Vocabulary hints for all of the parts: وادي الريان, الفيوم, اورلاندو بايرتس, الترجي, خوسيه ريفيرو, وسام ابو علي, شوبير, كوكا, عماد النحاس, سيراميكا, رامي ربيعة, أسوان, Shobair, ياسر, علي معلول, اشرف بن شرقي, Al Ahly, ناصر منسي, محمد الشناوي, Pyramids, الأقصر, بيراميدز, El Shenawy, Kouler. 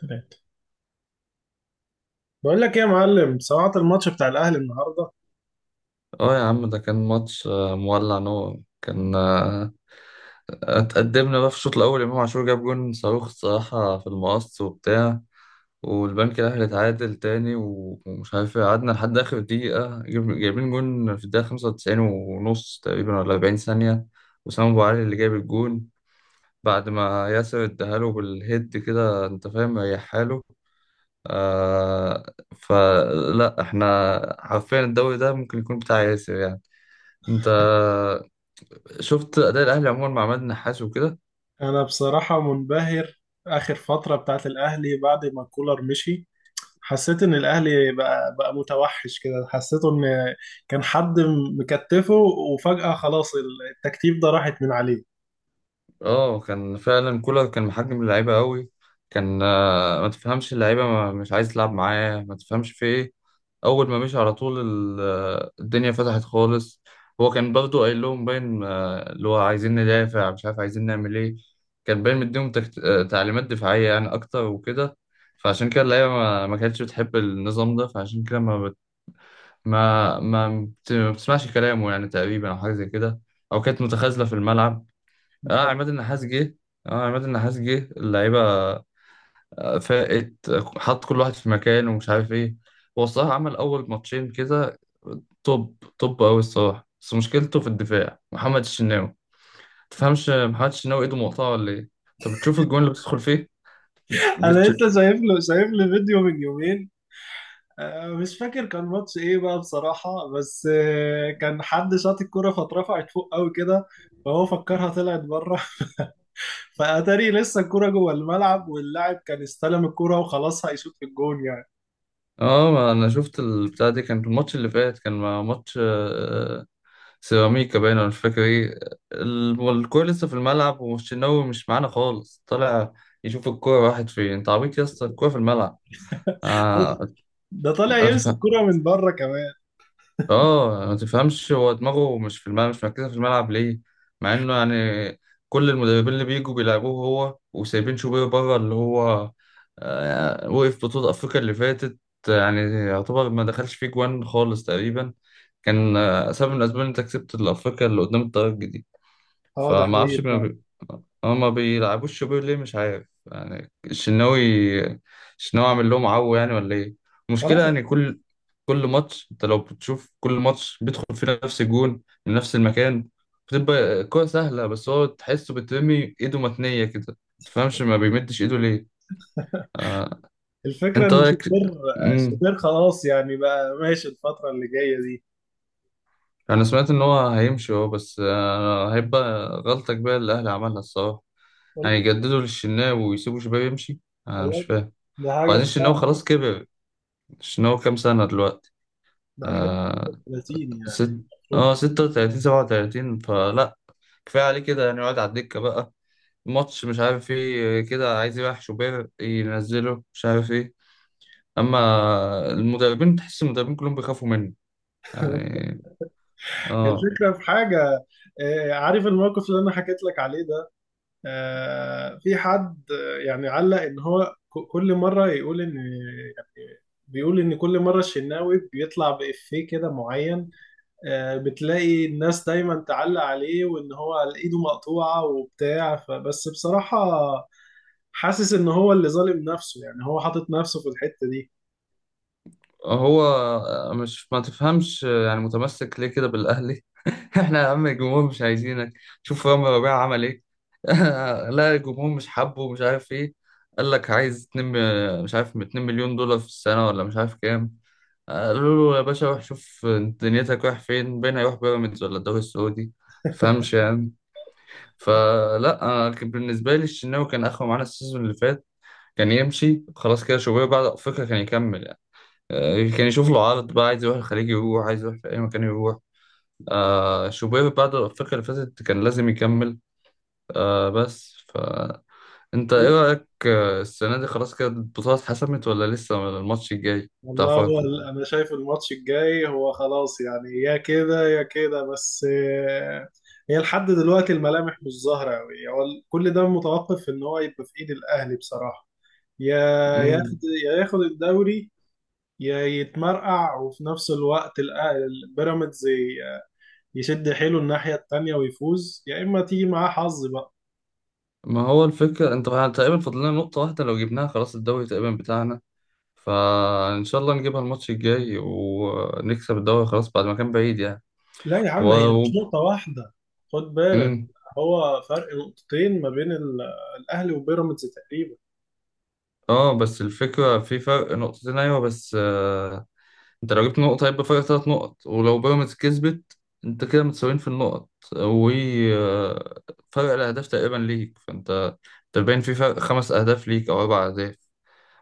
ثلاثة. بقول لك ايه يا معلم؟ سمعت الماتش بتاع الاهلي النهارده؟ اه يا عم ده كان ماتش مولع نور كان اتقدمنا بقى في الشوط الاول، امام عاشور جاب جون صاروخ الصراحه في المقص وبتاع. والبنك الاهلي اتعادل تاني و- ومش عارف ايه، قعدنا لحد اخر دقيقه جايبين جون في الدقيقه 95 ونص تقريبا ولا 40 ثانيه. وسام ابو علي اللي جاب الجون بعد ما ياسر اداهاله بالهيد كده انت فاهم، ريح حاله. آه. فلا احنا حرفيا الدوري ده ممكن يكون بتاع ياسر يعني. انت شفت اداء الاهلي عموما مع عماد النحاس وكده؟ انا بصراحة منبهر. اخر فترة بتاعت الاهلي بعد ما كولر مشي حسيت ان الاهلي بقى متوحش كده، حسيته ان كان حد مكتفه، وفجأة خلاص التكتيف ده راحت من عليه. اه كان فعلا كولر كان محجم اللعيبه قوي. كان ما تفهمش اللعيبه مش عايز تلعب معاه، ما تفهمش في ايه. اول ما مشي على طول الدنيا فتحت خالص. هو كان برضه قايل لهم باين اللي هو عايزين ندافع، مش عارف عايزين نعمل ايه. كان باين مديهم تكت... آه، تعليمات دفاعيه يعني اكتر وكده. فعشان كده اللعيبه ما كانتش بتحب النظام ده، فعشان كده ما ما ما بتسمعش كلامه يعني تقريبا، او حاجه زي كده، او كانت متخاذله في الملعب. اه عماد النحاس جه اه عماد النحاس جه اللعيبه فاقت، حط كل واحد في مكانه ومش عارف ايه. هو الصراحه عمل اول ماتشين كده توب توب قوي الصراحه، بس مشكلته في الدفاع محمد الشناوي. تفهمش محمد الشناوي ايده مقطعه ولا ايه؟ طب بتشوف الجون اللي بتدخل فيه؟ انا بتش... لسه شايف له فيديو من يومين، مش فاكر كان ماتش ايه بقى بصراحة، بس كان حد شاط الكرة فاترفعت فوق قوي كده، فهو فكرها طلعت بره، فاتاري لسه الكرة جوه الملعب واللاعب كان استلم الكرة وخلاص هيشوط في الجون يعني. اه ما انا شفت البتاع دي، كان الماتش اللي فات كان مع ماتش سيراميكا باين، أنا مش فاكر إيه. والكورة لسه في الملعب، والشناوي مش معانا خالص، طالع يشوف الكورة راحت فين. أنت عبيط يا اسطى، الكورة في الملعب. آه. ده طالع يمسك أتفهم. الكرة من بره كمان. آه ما تفهمش، هو دماغه مش في الملعب، مش مركزة في الملعب ليه؟ مع إنه يعني كل المدربين اللي بيجوا بيلعبوه هو وسايبين شوبير بره، اللي هو آه وقف بطولة أفريقيا اللي فاتت، يعني يعتبر ما دخلش فيه جوان خالص تقريبا. كان سبب من الأسباب إن أنت كسبت الأفريقيا اللي قدام الترجي دي. اه ده فما اعرفش حقيقي فعلا. بي... ما بيلعبوش شوبير ليه مش عارف يعني. الشناوي، الشناوي عامل لهم عو يعني ولا ايه؟ المشكله خلاص. يعني كل ماتش، انت لو بتشوف، كل ماتش بيدخل في نفس الجون من نفس المكان. بتبقى كرة سهلة، بس هو تحسه بترمي ايده متنية كده، متفهمش ما بيمدش ايده ليه. آه. الفكرة انت ان رايك؟ شوبير مم. شوبير خلاص، يعني بقى ماشي الفترة اللي جاية دي. انا سمعت ان هو هيمشي هو، بس هيبقى غلطة كبيرة اللي الاهلي عملها الصراحة. وال- هيجددوا للشناوي ويسيبوا شباب يمشي، انا مش والله فاهم. ده حاجة وبعدين الشناوي تزعل. خلاص كبر. الشناوي كام سنة دلوقتي؟ ده هتلاقيه آه. 30 يعني ست. اه المفروض. ستة وتلاتين، سبعة وتلاتين، فلا كفاية عليه كده يعني، يقعد على الدكة بقى. ماتش مش عارف ايه كده عايز يريح شوبير ينزله مش عارف ايه. اما المدربين، تحس المدربين كلهم بيخافوا منه يعني. اه الفكرة في حاجة، عارف الموقف اللي انا حكيت لك عليه ده، في حد يعني علق ان هو كل مره يقول ان، يعني بيقول ان كل مره الشناوي بيطلع بإفيه كده معين، بتلاقي الناس دايما تعلق عليه وان هو على ايده مقطوعه وبتاع، فبس بصراحه حاسس ان هو اللي ظالم نفسه، يعني هو حاطط نفسه في الحته دي. هو مش ما تفهمش يعني متمسك ليه كده بالأهلي؟ احنا يا عم الجمهور مش عايزينك. شوف رامي ربيعة عمل ايه. لا الجمهور مش حابه مش عارف ايه. قال لك عايز 2، مش عارف 2 مليون دولار في السنة ولا مش عارف كام. قالوا له يا باشا روح شوف دنيتك رايح فين، بين هيروح بيراميدز ولا الدوري السعودي، تفهمش يعني. فلا أنا كان بالنسبة لي الشناوي كان آخره معانا السيزون اللي فات، كان يمشي خلاص كده، شوبير بعد أفريقيا كان يكمل يعني. كان يشوف له عرض بقى، عايز يروح الخليج يروح، عايز يروح في أي مكان يروح. آه شوبير بعد الأفريقيا اللي فاتت كان لازم يكمل، آه بس. فأنت إيه رأيك السنة دي خلاص كده البطولة اتحسمت ولا لسه الماتش الجاي بتاع والله هو فاركو؟ انا شايف الماتش الجاي هو خلاص يعني، يا كده يا كده، بس هي لحد دلوقتي الملامح مش ظاهرة قوي، هو كل ده متوقف ان هو يبقى في ايد الاهلي بصراحة. يا ياخد مم. يا ياخد الدوري، يا يتمرقع، وفي نفس الوقت البيراميدز يشد حيله الناحية التانية ويفوز، يا اما تيجي معاه حظ بقى. ما هو الفكرة أنت تقريبا فاضل لنا نقطة واحدة، لو جبناها خلاص الدوري تقريبا بتاعنا. فإن شاء الله نجيبها الماتش الجاي ونكسب الدوري خلاص، بعد ما كان بعيد يعني. لا يا و... عم، هي مش و... نقطة واحدة، خد بالك. مم. هو فرق نقطتين ما بين الاهلي وبيراميدز تقريبا. اه بس الفكرة في فرق نقطتين، أيوة، بس انت لو جبت نقطة هيبقى فرق تلات نقط، ولو بيراميدز كسبت انت كده متساويين في النقط، و آه، فرق الأهداف تقريبا ليك، فانت انت باين في فرق خمس أهداف ليك أو أربع أهداف.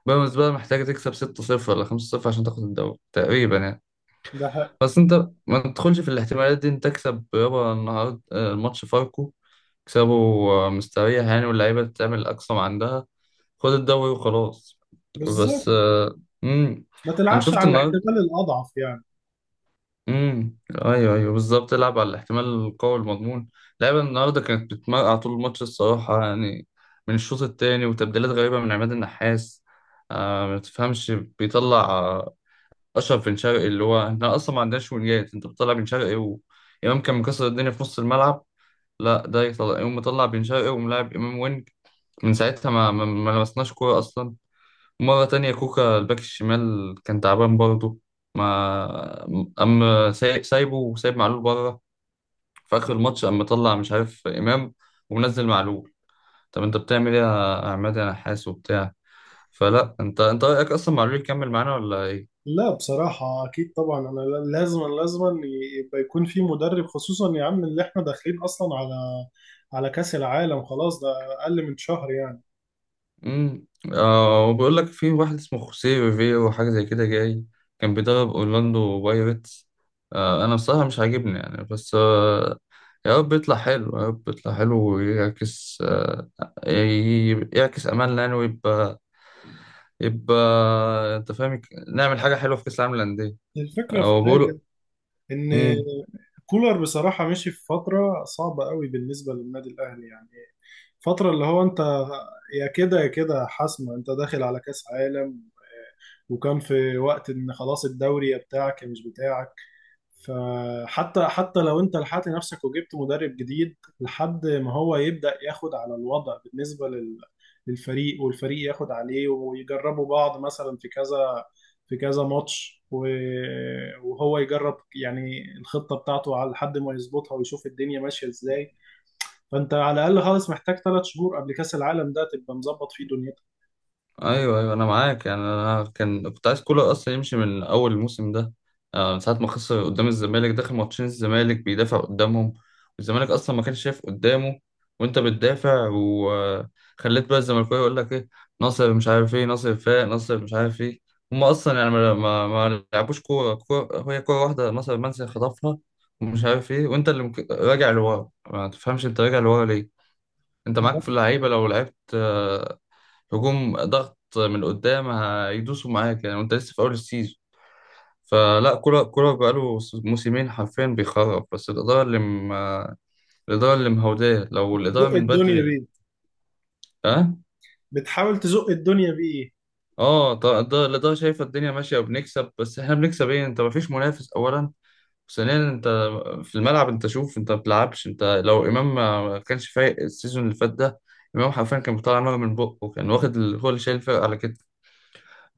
بيراميدز بقى محتاجة تكسب ستة صفر ولا خمسة صفر عشان تاخد الدوري تقريبا يعني. ده حق. بس انت ما تدخلش في الاحتمالات دي، انت تكسب يابا النهاردة الماتش فاركو، تكسبه مستريح يعني، واللعيبة تعمل أقصى ما عندها، خد الدوري وخلاص. بالظبط، بس مم. ما انا تلعبش شفت على النهارده. الاحتمال الأضعف يعني. امم. ايوه ايوه بالظبط، العب على الاحتمال القوي المضمون. اللعيبه النهارده كانت بتمرقع طول الماتش الصراحه يعني، من الشوط الثاني، وتبديلات غريبه من عماد النحاس. آه ما تفهمش، بيطلع اشرف بن شرقي اللي هو احنا اصلا ما عندناش وينجات، انت بتطلع بن شرقي وامام كان مكسر الدنيا في نص الملعب. لا ده يطلع يقوم مطلع بن شرقي وملاعب امام وينج. من ساعتها ما لمسناش كوره اصلا. مرة تانية كوكا الباك الشمال كان تعبان برضه، ما أما سايبه وسايب معلول بره. في آخر الماتش أما طلع مش عارف إمام ومنزل معلول. طب أنت بتعمل إيه يا عماد يا نحاس وبتاع؟ فلا أنت رأيك أصلا معلول يكمل معانا ولا إيه؟ لا بصراحة أكيد طبعا، أنا لازم لازم يبقى يكون في مدرب، خصوصا يا عم اللي إحنا داخلين أصلا على كأس العالم، خلاص ده أقل من شهر يعني. امم. آه وبيقول لك في واحد اسمه خوسيه ريفيرو حاجه زي كده جاي، كان بيدرب اورلاندو بايرتس. آه انا بصراحه مش عاجبني يعني، بس آه يا رب يطلع حلو، يا رب يطلع حلو ويعكس آه يعكس املنا يعني، ويبقى يبقى انت فاهم، نعمل حاجه حلوه في كاس العالم للانديه. الفكرة في آه وبيقولوا. حاجة، إن كولر بصراحة مشي في فترة صعبة قوي بالنسبة للنادي الأهلي يعني، فترة اللي هو أنت يا كده يا كده حاسمة، أنت داخل على كأس عالم، وكان في وقت إن خلاص الدوري يا بتاعك يا مش بتاعك، فحتى لو انت لحقت نفسك وجبت مدرب جديد لحد ما هو يبدأ ياخد على الوضع بالنسبة للفريق، والفريق ياخد عليه ويجربوا بعض مثلا في كذا، في كذا ماتش وهو يجرب يعني الخطة بتاعته، على لحد ما يظبطها ويشوف الدنيا ماشية ازاي، فانت على الأقل خالص محتاج 3 شهور قبل كأس العالم ده تبقى مظبط فيه دنيتك. ايوه ايوه انا معاك يعني، انا كنت عايز كولر اصلا يمشي من اول الموسم ده، من ساعه ما خسر قدام الزمالك، داخل ماتشين الزمالك بيدافع قدامهم، والزمالك اصلا ما كانش شايف قدامه. وانت بتدافع وخليت بقى الزملكاويه يقول لك ايه، ناصر مش عارف ايه، ناصر فاق، ناصر مش عارف ايه. هم اصلا يعني ما لعبوش كوره، هي كوره واحده ناصر منسي خطفها ومش عارف ايه. وانت اللي راجع لورا، ما تفهمش انت راجع لورا ليه؟ انت معاك في تزق. اللعيبه لو لعبت هجوم ضغط من قدام هيدوسوا معاك يعني، وانت لسه في اول السيزون. فلا كولر، كولر بقاله موسمين حرفيا بيخرب، بس الإدارة اللي مهوداه. لو الإدارة صح، من الدنيا بدري. بيه، اه. بتحاول تزق الدنيا بيه. اه طبعا الإدارة، الإدارة شايفة الدنيا ماشية وبنكسب، بس احنا بنكسب ايه؟ انت مفيش منافس أولا، ثانيا انت في الملعب انت شوف، انت ما بتلعبش انت. لو إمام ما كانش فايق السيزون اللي فات ده، إمام حرفيا كان بيطلع نار من بقه، كان واخد هو اللي شايل الفرقة على كده.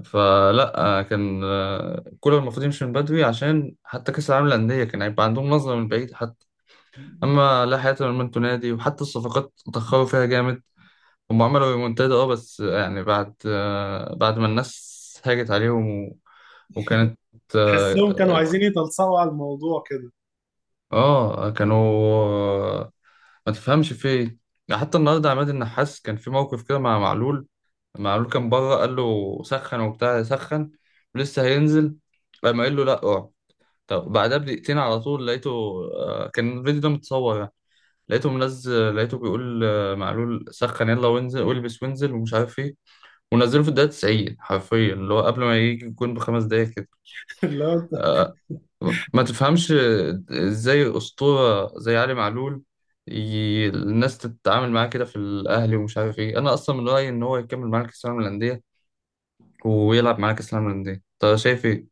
فلا كان كولر المفروض يمشي من بدري، عشان حتى كأس العالم للأندية كان هيبقى عندهم نظرة من بعيد حتى. أما لا حياة لمن انتوا نادي، وحتى الصفقات اتأخروا فيها جامد. هم عملوا ريمونتادا اه، بس يعني بعد بعد ما الناس هاجت عليهم وكانت تحسهم كانوا اه عايزين يتلصقوا على الموضوع كده. كانوا آه، ما تفهمش في ايه. يعني حتى النهارده عماد النحاس كان في موقف كده مع معلول. معلول كان بره، قال له سخن وبتاع سخن، ولسه هينزل. قام قال له لا اقعد. طب بعدها بدقيقتين على طول لقيته، كان الفيديو ده متصور يعني، لقيته منزل، لقيته بيقول معلول سخن يلا وانزل والبس وانزل ومش عارف ايه. ونزله في الدقيقة 90 حرفيا، اللي هو قبل ما يجي الجون بخمس دقايق كده. اللي هو آه، ما تفهمش ازاي أسطورة زي علي معلول الناس تتعامل معاه كده في الأهلي ومش عارف ايه. أنا أصلا من رأيي إن هو يكمل معانا كأس العالم للأندية، ويلعب معانا كأس العالم للأندية. أنت شايف ايه؟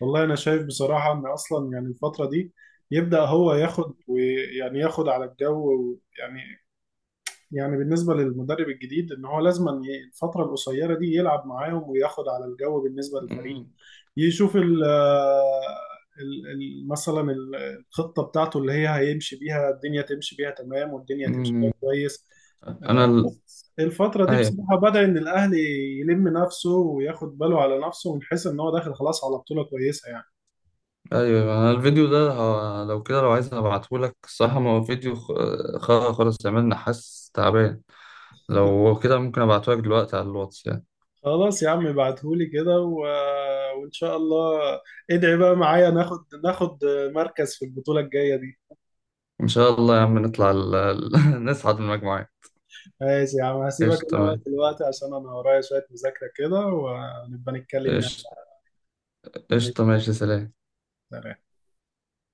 والله انا شايف بصراحه ان اصلا يعني الفتره دي يبدا هو ياخد، ويعني ياخد على الجو يعني، يعني بالنسبه للمدرب الجديد ان هو لازم أن الفتره القصيره دي يلعب معاهم وياخد على الجو بالنسبه للفريق. مم. يشوف مثلا الخطه بتاعته اللي هي هيمشي بيها الدنيا، تمشي بيها تمام والدنيا تمشي بيها مم. كويس. أنا ال... بس الفترة دي أيوة. بصراحة بدأ إن الأهلي يلم نفسه وياخد باله على نفسه، من حيث إن هو داخل خلاص على بطولة كويسة يعني. ايوه انا الفيديو ده لو كده لو عايز هبعتهولك الصراحه، ما هو فيديو خالص، عملنا حاسس تعبان. لو كده ممكن ابعتهولك دلوقتي على الواتس يعني. خلاص يا عم ابعتهولي كده و... وان شاء الله. ادعي بقى معايا ناخد مركز في البطولة الجاية دي. ان شاء الله يا عم نطلع نصعد من المجموعه. ماشي يا عم ايش هسيبك انا بقى تمام. دلوقتي عشان انا ورايا شوية مذاكرة كده، ونبقى نتكلم يعني. ايش ماشي ايش يا عم، ماشي، سلام. سلام.